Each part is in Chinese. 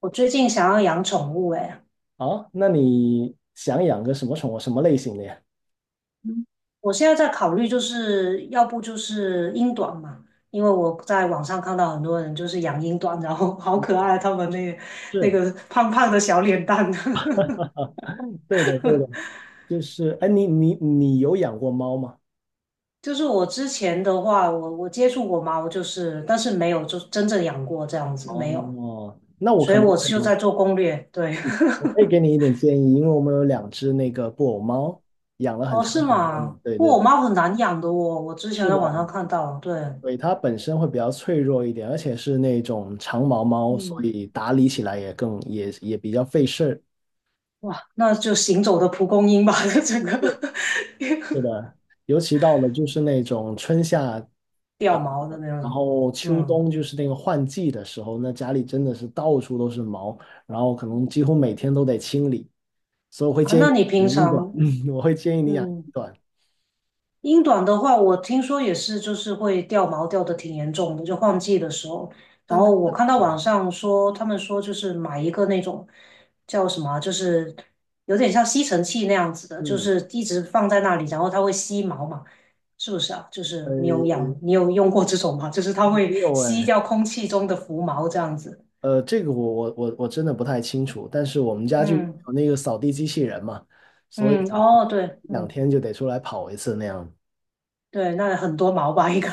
我最近想要养宠物，哎，好，那你想养个什么宠物，什么类型的呀？嗯我现在在考虑，就是要不就是英短嘛，因为我在网上看到很多人就是养英短，然后 好可爱，他们那个那是。个胖胖的小脸蛋。对的，对的，就是，哎，你有养过猫吗？就是我之前的话，我接触过猫，就是但是没有就真正养过这样子，没有，哦，那我所可以能我可就以，在做攻略。对，我可以给你一点建议，因为我们有两只那个布偶猫，养了 很哦，长是时间了。吗？对不对过我对，猫很难养的哦，我之前是在的。网上看到，对。对，它本身会比较脆弱一点，而且是那种长毛猫，所嗯以打理起来也更也比较费事儿。哇，那就行走的蒲公英吧，整个 是 的，尤其到了就是那种春夏。掉毛的那然种。后秋嗯，冬就是那个换季的时候，那家里真的是到处都是毛，然后可能几乎每天都得清理，所以我会啊，建那议你平养一短，常，我会建议你养嗯，一短。英短的话，我听说也是，就是会掉毛掉的挺严重的，就换季的时候。然但它后我是看到短。网上说，他们说就是买一个那种叫什么啊就是有点像吸尘器那样子的，就嗯，是一直放在那里，然后它会吸毛嘛。是不是啊？就是呃，你有养，你有用过这种吗？就是它没会有吸哎，掉空气中的浮毛这样子。呃，这个我我真的不太清楚，但是我们家就有嗯那个扫地机器人嘛，所以嗯，可能哦，对，一两嗯天就得出来跑一次那样。对，那很多毛吧应该，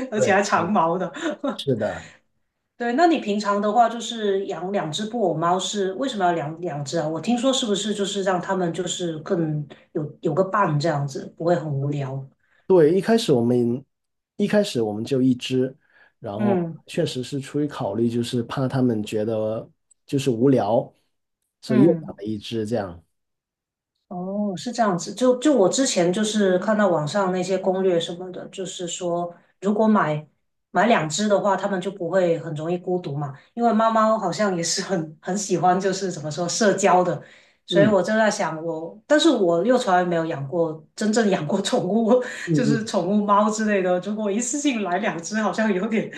而且对，还长嗯，毛的。是的。对，那你平常的话就是养两只布偶猫是为什么要养两只啊？我听说是不是就是让它们就是更有个伴这样子，不会很无聊？对，一开始我们就一只，然后嗯确实是出于考虑，就是怕他们觉得就是无聊，所以又养嗯了一只这样。哦，是这样子。就我之前就是看到网上那些攻略什么的，就是说如果买两只的话，它们就不会很容易孤独嘛。因为猫猫好像也是很喜欢，就是怎么说社交的。所以嗯我就在想我，但是我又从来没有养过真正养过宠物，嗯 就是嗯。宠物猫之类的。如果一次性来两只，好像有点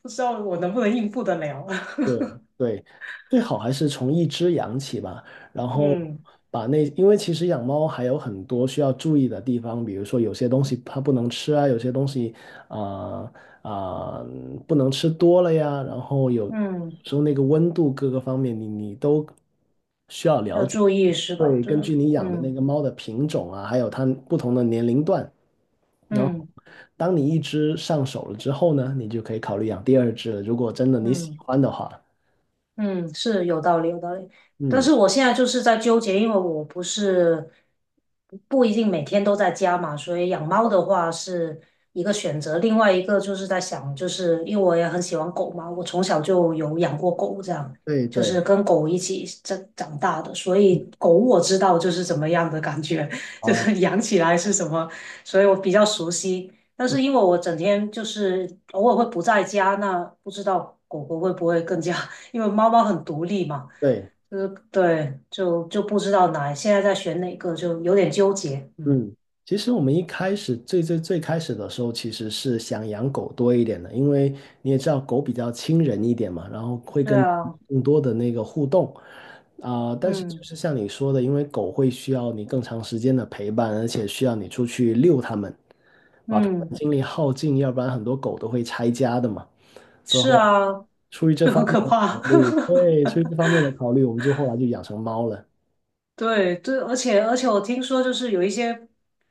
不知道我能不能应付得了。对，最好还是从一只养起吧，然后嗯把那，因为其实养猫还有很多需要注意的地方，比如说有些东西它不能吃啊，有些东西啊啊、呃呃不能吃多了呀，然后有嗯，时候那个温度各个方面你都需要了要解。注意是吧？会对，根据你养的那嗯个猫的品种啊，还有它不同的年龄段，然后嗯。当你一只上手了之后呢，你就可以考虑养第二只了，如果真的你喜嗯欢的话。嗯，是有道理，有道理。但嗯。是我现在就是在纠结，因为我不是不一定每天都在家嘛，所以养猫的话是一个选择。另外一个就是在想，就是因为我也很喜欢狗嘛，我从小就有养过狗，这样对就对是跟狗一起长大的，所以狗我知道就是怎么样的感觉，就啊，是养起来是什么，所以我比较熟悉。但嗯，是因为我整天就是偶尔会不在家，那不知道狗狗会不会更加 因为猫猫很独立嘛，对，就是对，就不知道哪现在在选哪个，就有点纠结。嗯，嗯，其实我们一开始最开始的时候，其实是想养狗多一点的，因为你也知道狗比较亲人一点嘛，然后会对跟啊，更多的那个互动，但是就嗯是像你说的，因为狗会需要你更长时间的陪伴，而且需要你出去遛它们，把它们嗯，精力耗尽，要不然很多狗都会拆家的嘛，所以是后来啊，出于这就方很面可的怕。考虑，对，出于这方面 的考虑，我们就后来就养成猫了。对对，而且我听说就是有一些，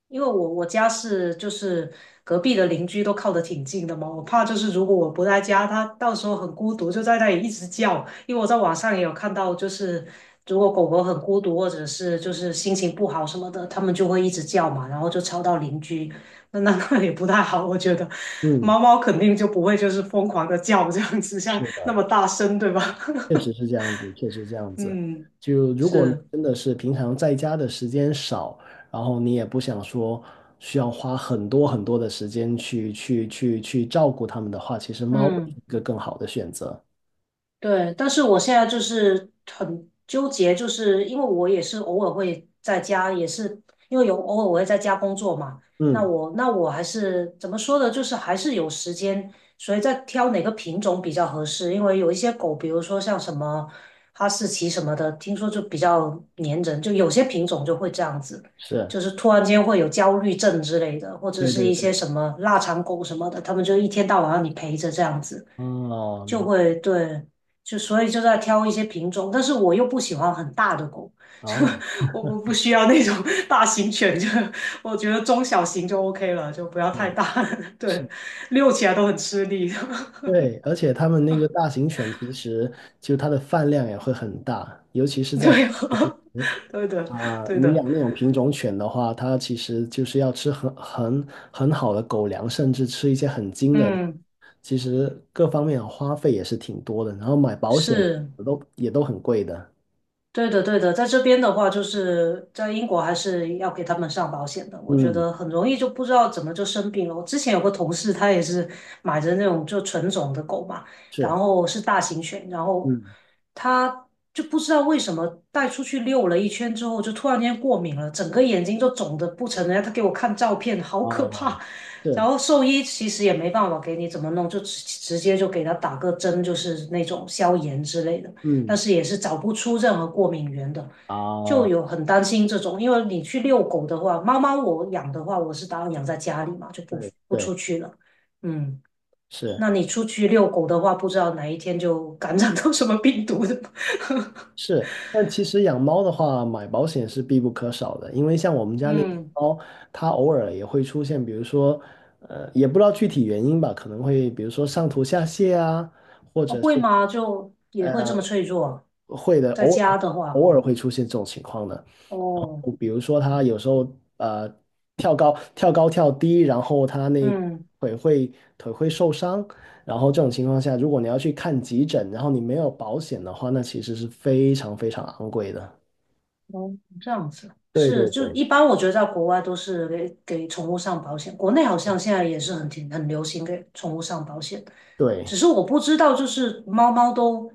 因为我家是就是隔壁的邻居都靠得挺近的嘛，我怕就是如果我不在家，它到时候很孤独，就在那里一直叫。因为我在网上也有看到，就是如果狗狗很孤独或者是就是心情不好什么的，它们就会一直叫嘛，然后就吵到邻居，那也不太好。我觉得嗯。猫猫肯定就不会就是疯狂的叫这样子，像是。那么大声，对吧？确实是这样子，确实是这样 子。嗯，就如果你是，真的是平常在家的时间少，然后你也不想说需要花很多很多的时间去照顾它们的话，其实猫会是嗯。一个更好的选择。对，但是我现在就是很纠结，就是因为我也是偶尔会在家，也是因为有偶尔我会在家工作嘛。那嗯，我那我还是怎么说呢？就是还是有时间，所以在挑哪个品种比较合适。因为有一些狗，比如说像什么哈士奇什么的，听说就比较粘人，就有些品种就会这样子，是，就是突然间会有焦虑症之类的，或者对是对一些对。什么腊肠狗什么的，他们就一天到晚让你陪着这样子。哦，就明，会对，就所以就在挑一些品种，但是我又不喜欢很大的狗，就哦，我不需要那种 大型犬，就我觉得中小型就 OK 了，就不要太是大 是，对，遛起来都很吃力，对，而且它们那个大型犬其实就它的饭量也会很大，尤其是 在。对，对的，啊、对你的，养那种品种犬的话，它其实就是要吃很好的狗粮，甚至吃一些很精的，嗯，其实各方面的花费也是挺多的，然后买保险是。都也都很贵的。对的，对的，在这边的话，就是在英国还是要给他们上保险的。我觉嗯，得很容易就不知道怎么就生病了。我之前有个同事，他也是买着那种就纯种的狗嘛，然是，后是大型犬，然后嗯，他就不知道为什么带出去遛了一圈之后，就突然间过敏了，整个眼睛就肿得不成人样。他给我看照片，好可哦，怕。然是，后兽医其实也没办法给你怎么弄，就直接就给他打个针，就是那种消炎之类的。但嗯，是也是找不出任何过敏源的，就啊、有很担心这种，因为你去遛狗的话，猫猫我养的话，我是打算养在家里嘛，就不对不对出去了。嗯，是。那你出去遛狗的话，不知道哪一天就感染到什么病毒的。是，但其实养猫的话，买保险是必不可少的，因为像我们 家那只嗯，猫，它偶尔也会出现，比如说，也不知道具体原因吧，可能会比如说上吐下泻啊，或哦者会是吗？就也会这么呃，脆弱啊会的，在家的话，偶尔会出现这种情况的。哦，比如说，它有时候呃跳高跳低，然后它那嗯。腿会腿会受伤，然后这种情况下，如果你要去看急诊，然后你没有保险的话，那其实是非常非常昂贵的。哦，这样子对对是，就对一般我觉得在国外都是给宠物上保险，国内好像现在也是很挺很流行给宠物上保险，对，只是我不知道，就是猫猫都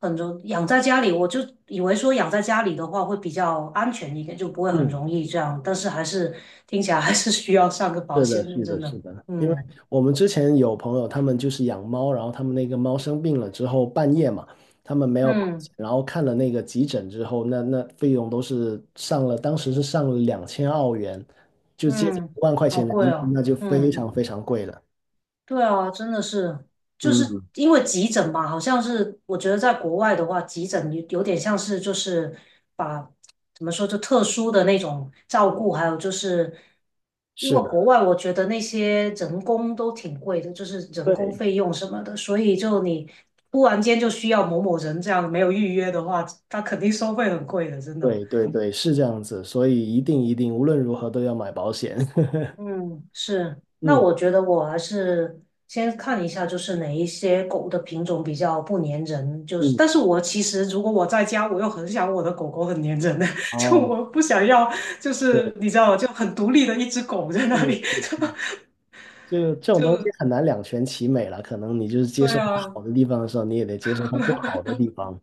很容养在家里，我就以为说养在家里的话会比较安全一点，就不会很嗯，容易这样，但是还是听起来还是需要上个保是的，险的，是的，真的，是的，因为嗯我们之前有朋友，他们就是养猫，然后他们那个猫生病了之后，半夜嘛，他们没有保嗯险，然后看了那个急诊之后，那那费用都是上了，当时是上了两千澳元，就接近嗯，一万块好钱人贵民币，哦，那就非常嗯。非常贵了。对啊，真的是，就是嗯，因为急诊吧，好像是我觉得在国外的话，急诊有点像是就是把怎么说就特殊的那种照顾，还有就是因是为国的，外我觉得那些人工都挺贵的，就是人工对费用什么的，所以就你突然间就需要某某人这样没有预约的话，他肯定收费很贵的，真的。对对对，是这样子，所以一定一定，无论如何都要买保险。嗯，是。那嗯我觉得我还是先看一下，就是哪一些狗的品种比较不粘人。就是，嗯，但是我其实如果我在家，我又很想我的狗狗很粘人的，就哦，我不想要，就对，是你知道，就很独立的一只狗在那嗯里。嗯嗯。就这种东西就很难两全其美了，可能你就是接对受它啊，好的地方的时候，你也得接受它不 好的地方。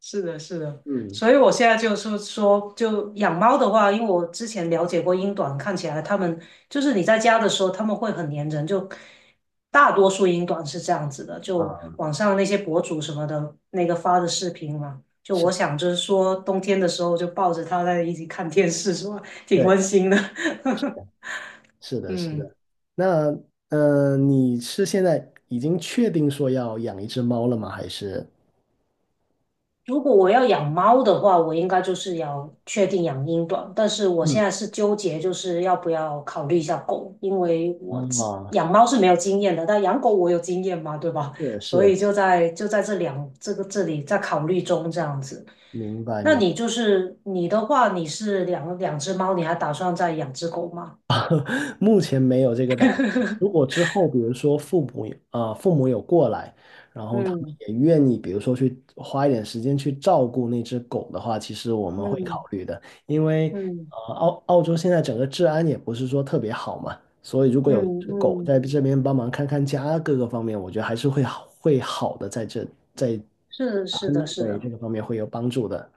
是的，是的，嗯，所以我现在就是说，就养猫的话，因为我之前了解过英短，看起来它们就是你在家的时候，它们会很粘人，就大多数英短是这样子的。就啊，网上那些博主什么的，那个发的视频嘛，就我是，想着说，冬天的时候就抱着它在一起看电视，是吧？挺对，温馨的。是的，是嗯。的。那，你是现在已经确定说要养一只猫了吗？还是？如果我要养猫的话，我应该就是要确定养英短，但是我嗯，现在是纠结，就是要不要考虑一下狗，因为我哦，养猫是没有经验的，但养狗我有经验嘛，对吧？是 所以是，就在这两这个这里在考虑中这样子。明白那明。你就是你的话，你是两只猫，你还打算再养只狗吗？目前没有这个打算。如果之后，比如说父母有父母有过来，然后他们嗯也愿意，比如说去花一点时间去照顾那只狗的话，其实我们会考嗯虑的，因为嗯澳洲现在整个治安也不是说特别好嘛，所以如果嗯有只狗嗯，在这边帮忙看看家各个方面，我觉得还是会好的，在这在是安的，是对这的。个方面会有帮助的。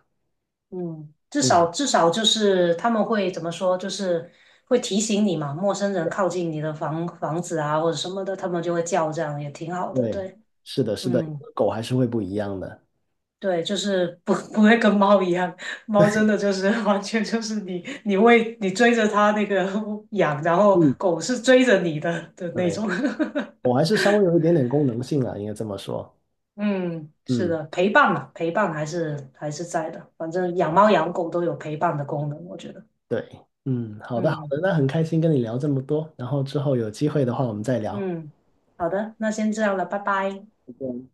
嗯，至少嗯，至少就是他们会怎么说，就是会提醒你嘛，陌生人靠近你的房子啊或者什么的，他们就会叫，这样也挺好的。对，对，是的，是的，有嗯，个狗还是会不一样的。对，就是不 不会跟猫一样，猫真的就是 完全就是你喂你追着它那个 养，然后嗯，狗是追着你的那对。种。我还是稍微有一点点功能性啊，应该这么说。嗯，是嗯，的，陪伴嘛，陪伴还是在的，反正养猫养狗都有陪伴的功能，我觉得。对，嗯，好的，好嗯。的，那很开心跟你聊这么多，然后之后有机会的话我们再聊。嗯，好的，那先这样了，拜拜。再见